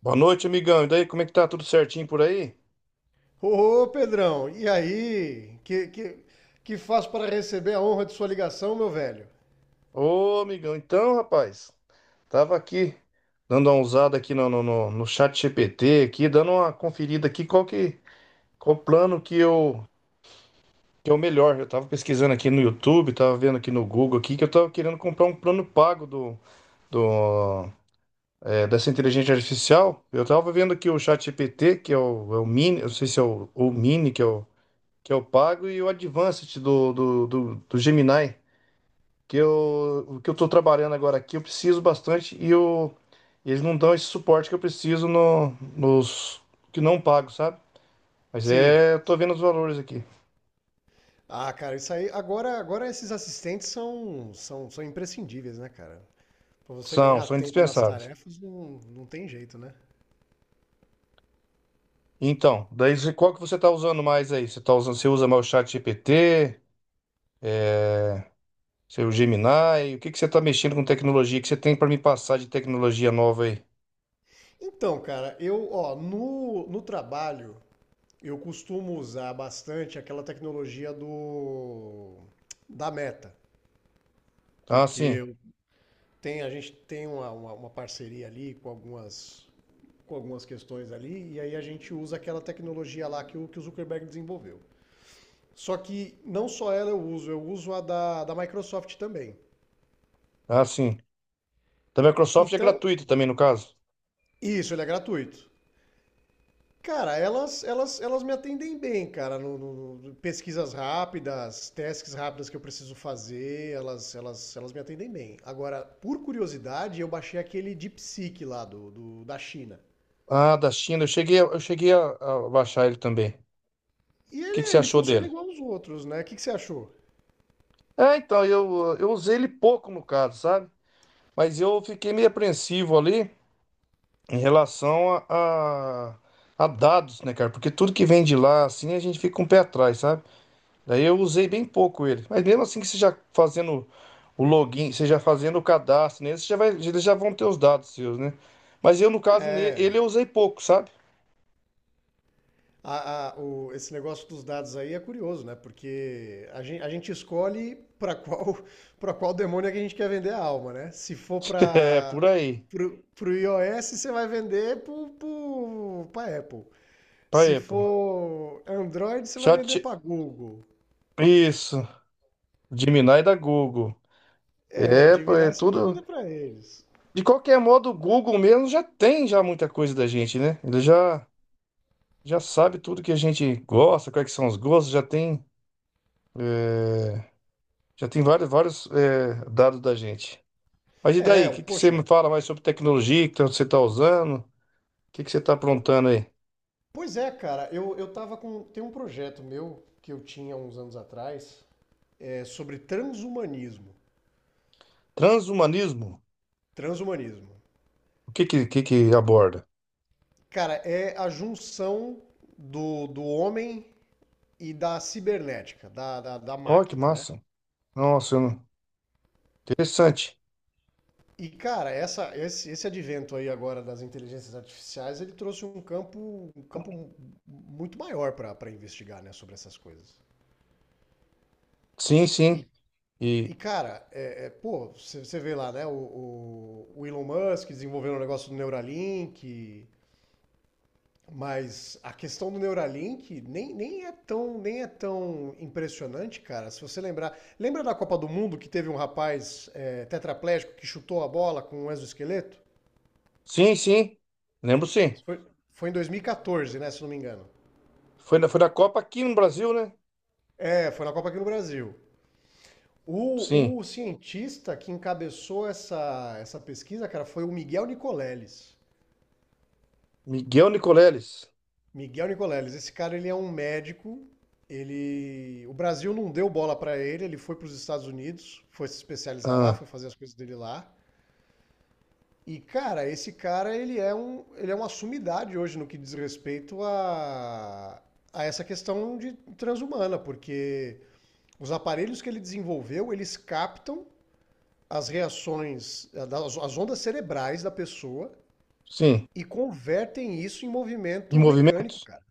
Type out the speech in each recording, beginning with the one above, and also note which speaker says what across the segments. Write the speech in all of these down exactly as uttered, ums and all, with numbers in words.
Speaker 1: Boa noite, amigão. E daí, como é que tá? Tudo certinho por aí?
Speaker 2: Ô, Pedrão, e aí? Que, que, que faz para receber a honra de sua ligação, meu velho?
Speaker 1: Ô, amigão, então, rapaz, tava aqui dando uma usada aqui no, no, no, no chat G P T, aqui, dando uma conferida aqui, qual que, qual o plano que eu, que é o melhor. Eu tava pesquisando aqui no YouTube, tava vendo aqui no Google aqui, que eu tava querendo comprar um plano pago do, do, é, dessa inteligência artificial. Eu tava vendo aqui o chat G P T, que é o, é o Mini, eu não sei se é o, o Mini, que é o, que é o pago, e o Advanced do, do, do, do Gemini. que eu, o que eu tô trabalhando agora aqui, eu preciso bastante e eu, eles não dão esse suporte que eu preciso no, nos que não pago, sabe? Mas
Speaker 2: Sim.
Speaker 1: é, eu tô vendo os valores aqui.
Speaker 2: Ah, cara, isso aí. Agora, agora esses assistentes são, são, são imprescindíveis, né, cara? Para você
Speaker 1: São,
Speaker 2: ganhar
Speaker 1: são
Speaker 2: tempo nas
Speaker 1: indispensáveis.
Speaker 2: tarefas, não, não tem jeito, né?
Speaker 1: Então, daí você- qual que você tá usando mais aí? Você tá usando, você usa mais o chat G P T, é, seu Gemini, o que que você tá mexendo com tecnologia que você tem para me passar de tecnologia nova aí?
Speaker 2: Então, cara, eu, ó, no, no trabalho, eu costumo usar bastante aquela tecnologia do da Meta,
Speaker 1: Ah,
Speaker 2: porque
Speaker 1: sim.
Speaker 2: eu tenho- a gente tem uma, uma, uma parceria ali com algumas com algumas questões ali, e aí a gente usa aquela tecnologia lá que o, que o Zuckerberg desenvolveu. Só que não só ela eu uso, eu uso a da, da Microsoft também.
Speaker 1: Ah, sim. Da Microsoft é
Speaker 2: Então,
Speaker 1: gratuito também, no caso.
Speaker 2: isso, ele é gratuito. Cara, elas, elas, elas me atendem bem, cara, no, no- no- pesquisas rápidas, tasks rápidas que eu preciso fazer, elas, elas, elas me atendem bem. Agora, por curiosidade, eu baixei aquele DeepSeek lá do, do- da China.
Speaker 1: Ah, da China, eu cheguei, a- eu cheguei a, a baixar ele também.
Speaker 2: E
Speaker 1: que que
Speaker 2: ele,
Speaker 1: você
Speaker 2: ele
Speaker 1: achou
Speaker 2: funciona
Speaker 1: dele?
Speaker 2: igual aos outros, né? O que que você achou?
Speaker 1: É, então, eu, eu usei ele pouco no caso, sabe? Mas eu fiquei meio apreensivo ali em relação a, a- a dados, né, cara? Porque tudo que vem de lá, assim, a gente fica um pé atrás, sabe? Daí eu usei bem pouco ele. Mas mesmo assim que você já fazendo o login, você já fazendo o cadastro nele, você já vai, eles já vão ter os dados seus, né? Mas eu, no caso, ne-
Speaker 2: É,
Speaker 1: ele eu usei pouco, sabe?
Speaker 2: A- a- o- esse negócio dos dados aí é curioso, né? Porque a gen- a gente escolhe para qual para qual demônio é que a gente quer vender a alma, né? Se for
Speaker 1: É,
Speaker 2: para
Speaker 1: por aí.
Speaker 2: pro, pro iOS, você vai vender pro, pro, pra Apple.
Speaker 1: Pra
Speaker 2: Se
Speaker 1: Apple.
Speaker 2: for Android, você vai
Speaker 1: Chat...
Speaker 2: vender para Google.
Speaker 1: Isso. Gemini da Google.
Speaker 2: É,
Speaker 1: É, pô,
Speaker 2: Gemini
Speaker 1: é
Speaker 2: você vai
Speaker 1: tudo...
Speaker 2: vender para eles.
Speaker 1: De qualquer modo, o Google mesmo já tem já muita coisa da gente, né? Ele já, já sabe tudo que a gente gosta, quais que são os gostos, já tem, é, já tem vários, vários, é, dados da gente. Mas e
Speaker 2: É,
Speaker 1: daí? O que, que você
Speaker 2: poxa.
Speaker 1: me fala mais sobre tecnologia que você está usando? O que, que você está aprontando aí?
Speaker 2: Pois é, cara. Eu, eu tava com. Tem um projeto meu que eu tinha uns anos atrás é, sobre transhumanismo.
Speaker 1: Transhumanismo?
Speaker 2: Transhumanismo.
Speaker 1: O que que, que, que aborda?
Speaker 2: Cara, é a junção do, do homem e da cibernética, da, da, da
Speaker 1: Ó, que
Speaker 2: máquina, né?
Speaker 1: massa! Nossa, eu não- interessante.
Speaker 2: E, cara, essa, esse, esse advento aí agora das inteligências artificiais, ele trouxe um campo, um campo muito maior para pra investigar, né, sobre essas coisas.
Speaker 1: Sim, sim.
Speaker 2: E, e
Speaker 1: E
Speaker 2: cara, é, é, pô, você vê lá, né, o, o, o Elon Musk desenvolvendo o negócio do Neuralink. Mas a questão do Neuralink nem, nem, é tão, nem é tão impressionante, cara. Se você lembrar. Lembra da Copa do Mundo que teve um rapaz é, tetraplégico que chutou a bola com um exoesqueleto?
Speaker 1: sim, sim. Lembro sim.
Speaker 2: Isso. Foi, foi em dois mil e quatorze, né? Se não me engano.
Speaker 1: Foi na, foi na Copa aqui no Brasil, né?
Speaker 2: É, foi na Copa aqui no Brasil. O,
Speaker 1: Sim.
Speaker 2: o cientista que encabeçou essa, essa pesquisa, cara, foi o Miguel Nicoleles.
Speaker 1: Miguel Nicoleles.
Speaker 2: Miguel Nicoleles, esse cara ele é um médico. Ele, o Brasil não deu bola pra ele, ele foi pros Estados Unidos, foi se especializar lá,
Speaker 1: Ah,
Speaker 2: foi fazer as coisas dele lá. E cara, esse cara ele é um, ele é uma sumidade hoje no que diz respeito a a essa questão de transhumana, porque os aparelhos que ele desenvolveu, eles captam as reações, as as ondas cerebrais da pessoa
Speaker 1: sim.
Speaker 2: e convertem isso em
Speaker 1: Em
Speaker 2: movimento mecânico,
Speaker 1: movimentos?
Speaker 2: cara.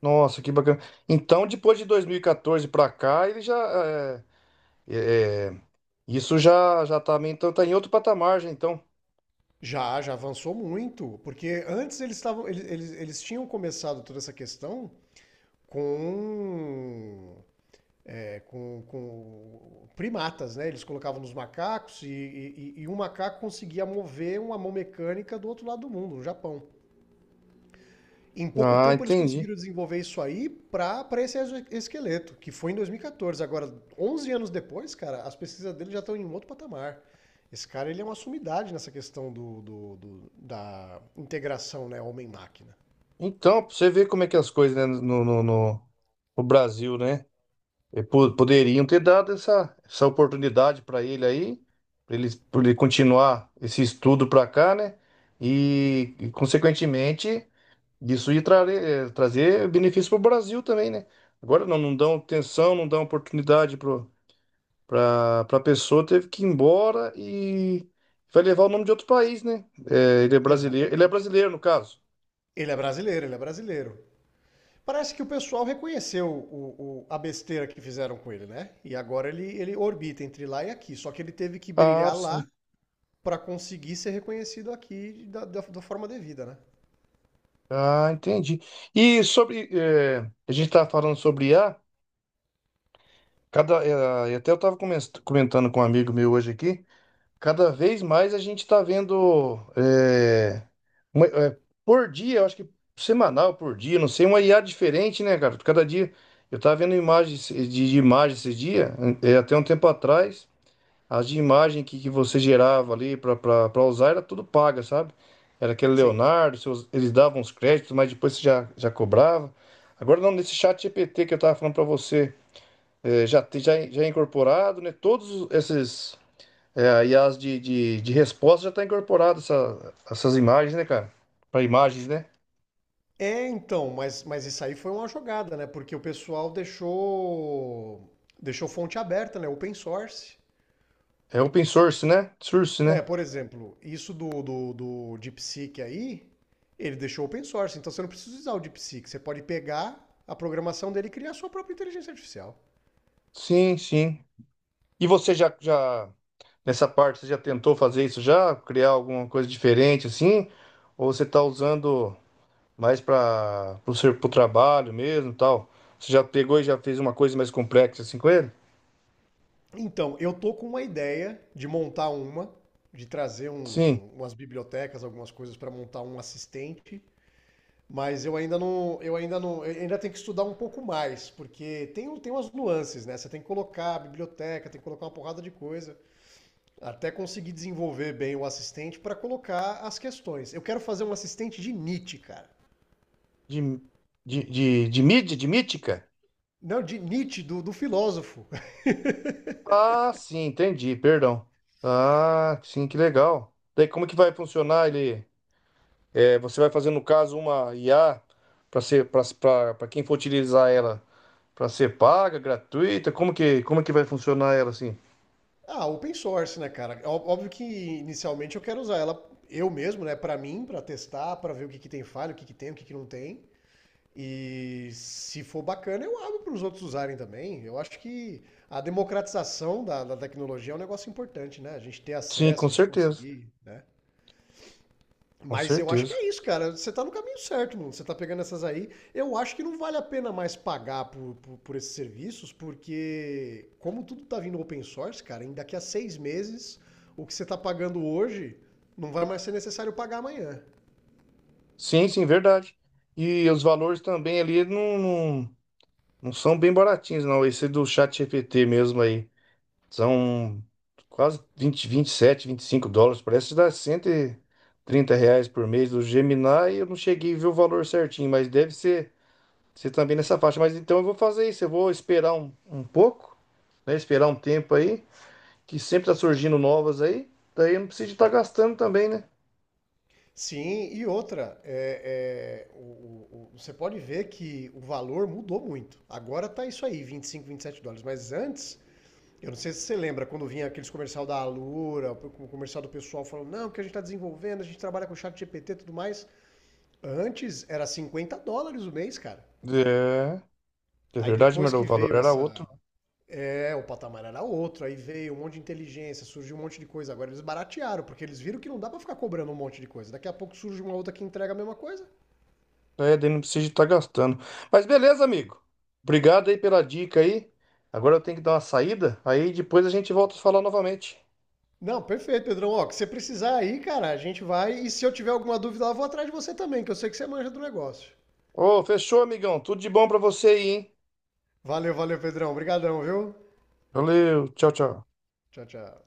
Speaker 1: Nossa, que bacana. Então, depois de dois mil e quatorze para cá, ele já é, é, é, isso já já tá meio- então tá em outro patamar, já, então.
Speaker 2: Já, já avançou muito, porque antes eles estavam, eles, eles, eles tinham começado toda essa questão com, é, com, com primatas, né? Eles colocavam nos macacos e, e, e um macaco conseguia mover uma mão mecânica do outro lado do mundo, no Japão. Em pouco
Speaker 1: Ah,
Speaker 2: tempo eles
Speaker 1: entendi.
Speaker 2: conseguiram desenvolver isso aí para esse esqueleto, que foi em dois mil e quatorze. Agora, onze anos depois, cara, as pesquisas dele já estão em um outro patamar. Esse cara ele é uma sumidade nessa questão do, do- do- da integração, né, homem-máquina.
Speaker 1: Então, pra você ver como é que as coisas, né, no, no, no- no Brasil, né? E po- Poderiam ter dado essa, essa oportunidade para ele aí, para ele, pra ele continuar esse estudo para cá, né? E, e, consequentemente isso ia tra- eh, trazer benefício para o Brasil também, né? Agora não, não dão atenção, não dão oportunidade para a pessoa, teve que ir embora e vai levar o nome de outro país, né? Eh, ele é brasileiro, ele é
Speaker 2: Exatamente.
Speaker 1: brasileiro no caso.
Speaker 2: Ele é brasileiro, ele é brasileiro. Parece que o pessoal reconheceu o- o- a besteira que fizeram com ele, né? E agora ele, ele orbita entre lá e aqui. Só que ele teve que
Speaker 1: Ah,
Speaker 2: brilhar lá
Speaker 1: sim.
Speaker 2: para conseguir ser reconhecido aqui da, da, da forma devida, né?
Speaker 1: Ah, entendi. E sobre, eh, a gente estava falando sobre I a cada, eh, e até eu estava comentando com um amigo meu hoje aqui. Cada vez mais a gente está vendo é, uma- é, por dia, eu acho que semanal por dia, não sei, uma I A diferente, né, cara? Cada dia eu estava vendo imagens de, de imagens esses dias, é, é, até um tempo atrás, as de imagem que, que você gerava ali para usar era tudo paga, sabe? Era aquele
Speaker 2: Sim.
Speaker 1: Leonardo, seus- eles davam os créditos, mas depois você já, já cobrava. Agora não, nesse chat G P T que eu estava falando para você, é, já, tem- já, já é incorporado, né? Todos esses é, aí as de, de, de resposta já está incorporado essa- essas imagens, né, cara? Para imagens, né?
Speaker 2: É, então, mas, mas isso aí foi uma jogada, né? Porque o pessoal deixou deixou fonte aberta, né? Open source.
Speaker 1: É open source, né? Source, né?
Speaker 2: É, por exemplo, isso do, do, do DeepSeek aí, ele deixou open source, então você não precisa usar o DeepSeek, você pode pegar a programação dele e criar a sua própria inteligência artificial.
Speaker 1: Sim, sim. E você já, já, nessa parte, você já tentou fazer isso já? Criar alguma coisa diferente assim? Ou você está usando mais para o seu pro trabalho mesmo e tal? Você já pegou e já fez uma coisa mais complexa assim com ele?
Speaker 2: Então, eu tô com uma ideia de montar uma, de trazer uns,
Speaker 1: Sim.
Speaker 2: um- umas bibliotecas, algumas coisas para montar um assistente. Mas eu ainda não, eu ainda não, eu ainda tenho que estudar um pouco mais, porque tem, um- tem umas nuances, né? Você tem que colocar a biblioteca, tem que colocar uma porrada de coisa, até conseguir desenvolver bem o assistente para colocar as questões. Eu quero fazer um assistente de Nietzsche, cara.
Speaker 1: De, de, de, de mídia, de mítica?
Speaker 2: Não, de Nietzsche, do, do filósofo.
Speaker 1: Ah, sim, entendi, perdão. Ah, sim, que legal. Daí como que vai funcionar ele? É, você vai fazer no caso uma I A para ser para quem for utilizar ela, para ser paga, gratuita, como que como que vai funcionar ela assim?
Speaker 2: Ah, open source, né, cara? Ó- Óbvio que inicialmente eu quero usar ela eu mesmo, né, para mim, para testar, para ver o que que tem falha, o que que tem, o que que não tem. E se for bacana, eu abro para os outros usarem também. Eu acho que a democratização da, da tecnologia é um negócio importante, né? A gente ter
Speaker 1: Sim,
Speaker 2: acesso, a
Speaker 1: com
Speaker 2: gente
Speaker 1: certeza.
Speaker 2: conseguir, né?
Speaker 1: Com
Speaker 2: Mas eu acho que
Speaker 1: certeza.
Speaker 2: é isso, cara. Você tá no caminho certo, mano. Você tá pegando essas aí. Eu acho que não vale a pena mais pagar por, por, por esses serviços, porque como tudo tá vindo open source, cara, em daqui a seis meses, o que você tá pagando hoje não vai mais ser necessário pagar amanhã.
Speaker 1: Sim, sim, verdade. E os valores também ali não, não, não são bem baratinhos, não. Esse do chat G P T mesmo aí. São quase vinte vinte e sete vinte e cinco dólares. Parece que dá cento e trinta reais por mês do Gemini. Eu não cheguei a ver o valor certinho, mas deve ser, ser também nessa faixa. Mas então eu vou fazer isso. Eu vou esperar um, um pouco, né? Esperar um tempo aí, que sempre tá surgindo novas aí. Daí eu não preciso estar gastando também, né?
Speaker 2: Sim, e outra, é, é, o- o- o- você pode ver que o valor mudou muito. Agora tá isso aí, vinte vinte e cinco vinte e sete dólares. Mas antes, eu não sei se você lembra, quando vinha aqueles comercial da Alura, o comercial do pessoal falando, não, que a gente está desenvolvendo, a gente trabalha com chat G P T e tudo mais. Antes era cinquenta dólares o mês, cara.
Speaker 1: É, é
Speaker 2: Aí
Speaker 1: verdade,
Speaker 2: depois
Speaker 1: meu
Speaker 2: que
Speaker 1: o valor
Speaker 2: veio
Speaker 1: era
Speaker 2: essa.
Speaker 1: outro.
Speaker 2: É, o patamar era outro, aí veio um monte de inteligência, surgiu um monte de coisa. Agora eles baratearam, porque eles viram que não dá pra ficar cobrando um monte de coisa. Daqui a pouco surge uma outra que entrega a mesma coisa.
Speaker 1: É, daí não precisa estar gastando. Mas beleza, amigo. Obrigado aí pela dica aí. Agora eu tenho que dar uma saída, aí depois a gente volta a falar novamente.
Speaker 2: Não, perfeito, Pedrão. Ó, que você precisar aí, cara, a gente vai. E se eu tiver alguma dúvida lá, eu vou atrás de você também, que eu sei que você manja do negócio.
Speaker 1: Ô, fechou, amigão. Tudo de bom pra você aí, hein?
Speaker 2: Valeu, valeu, Pedrão. Obrigadão, viu?
Speaker 1: Valeu, tchau, tchau.
Speaker 2: Tchau, tchau.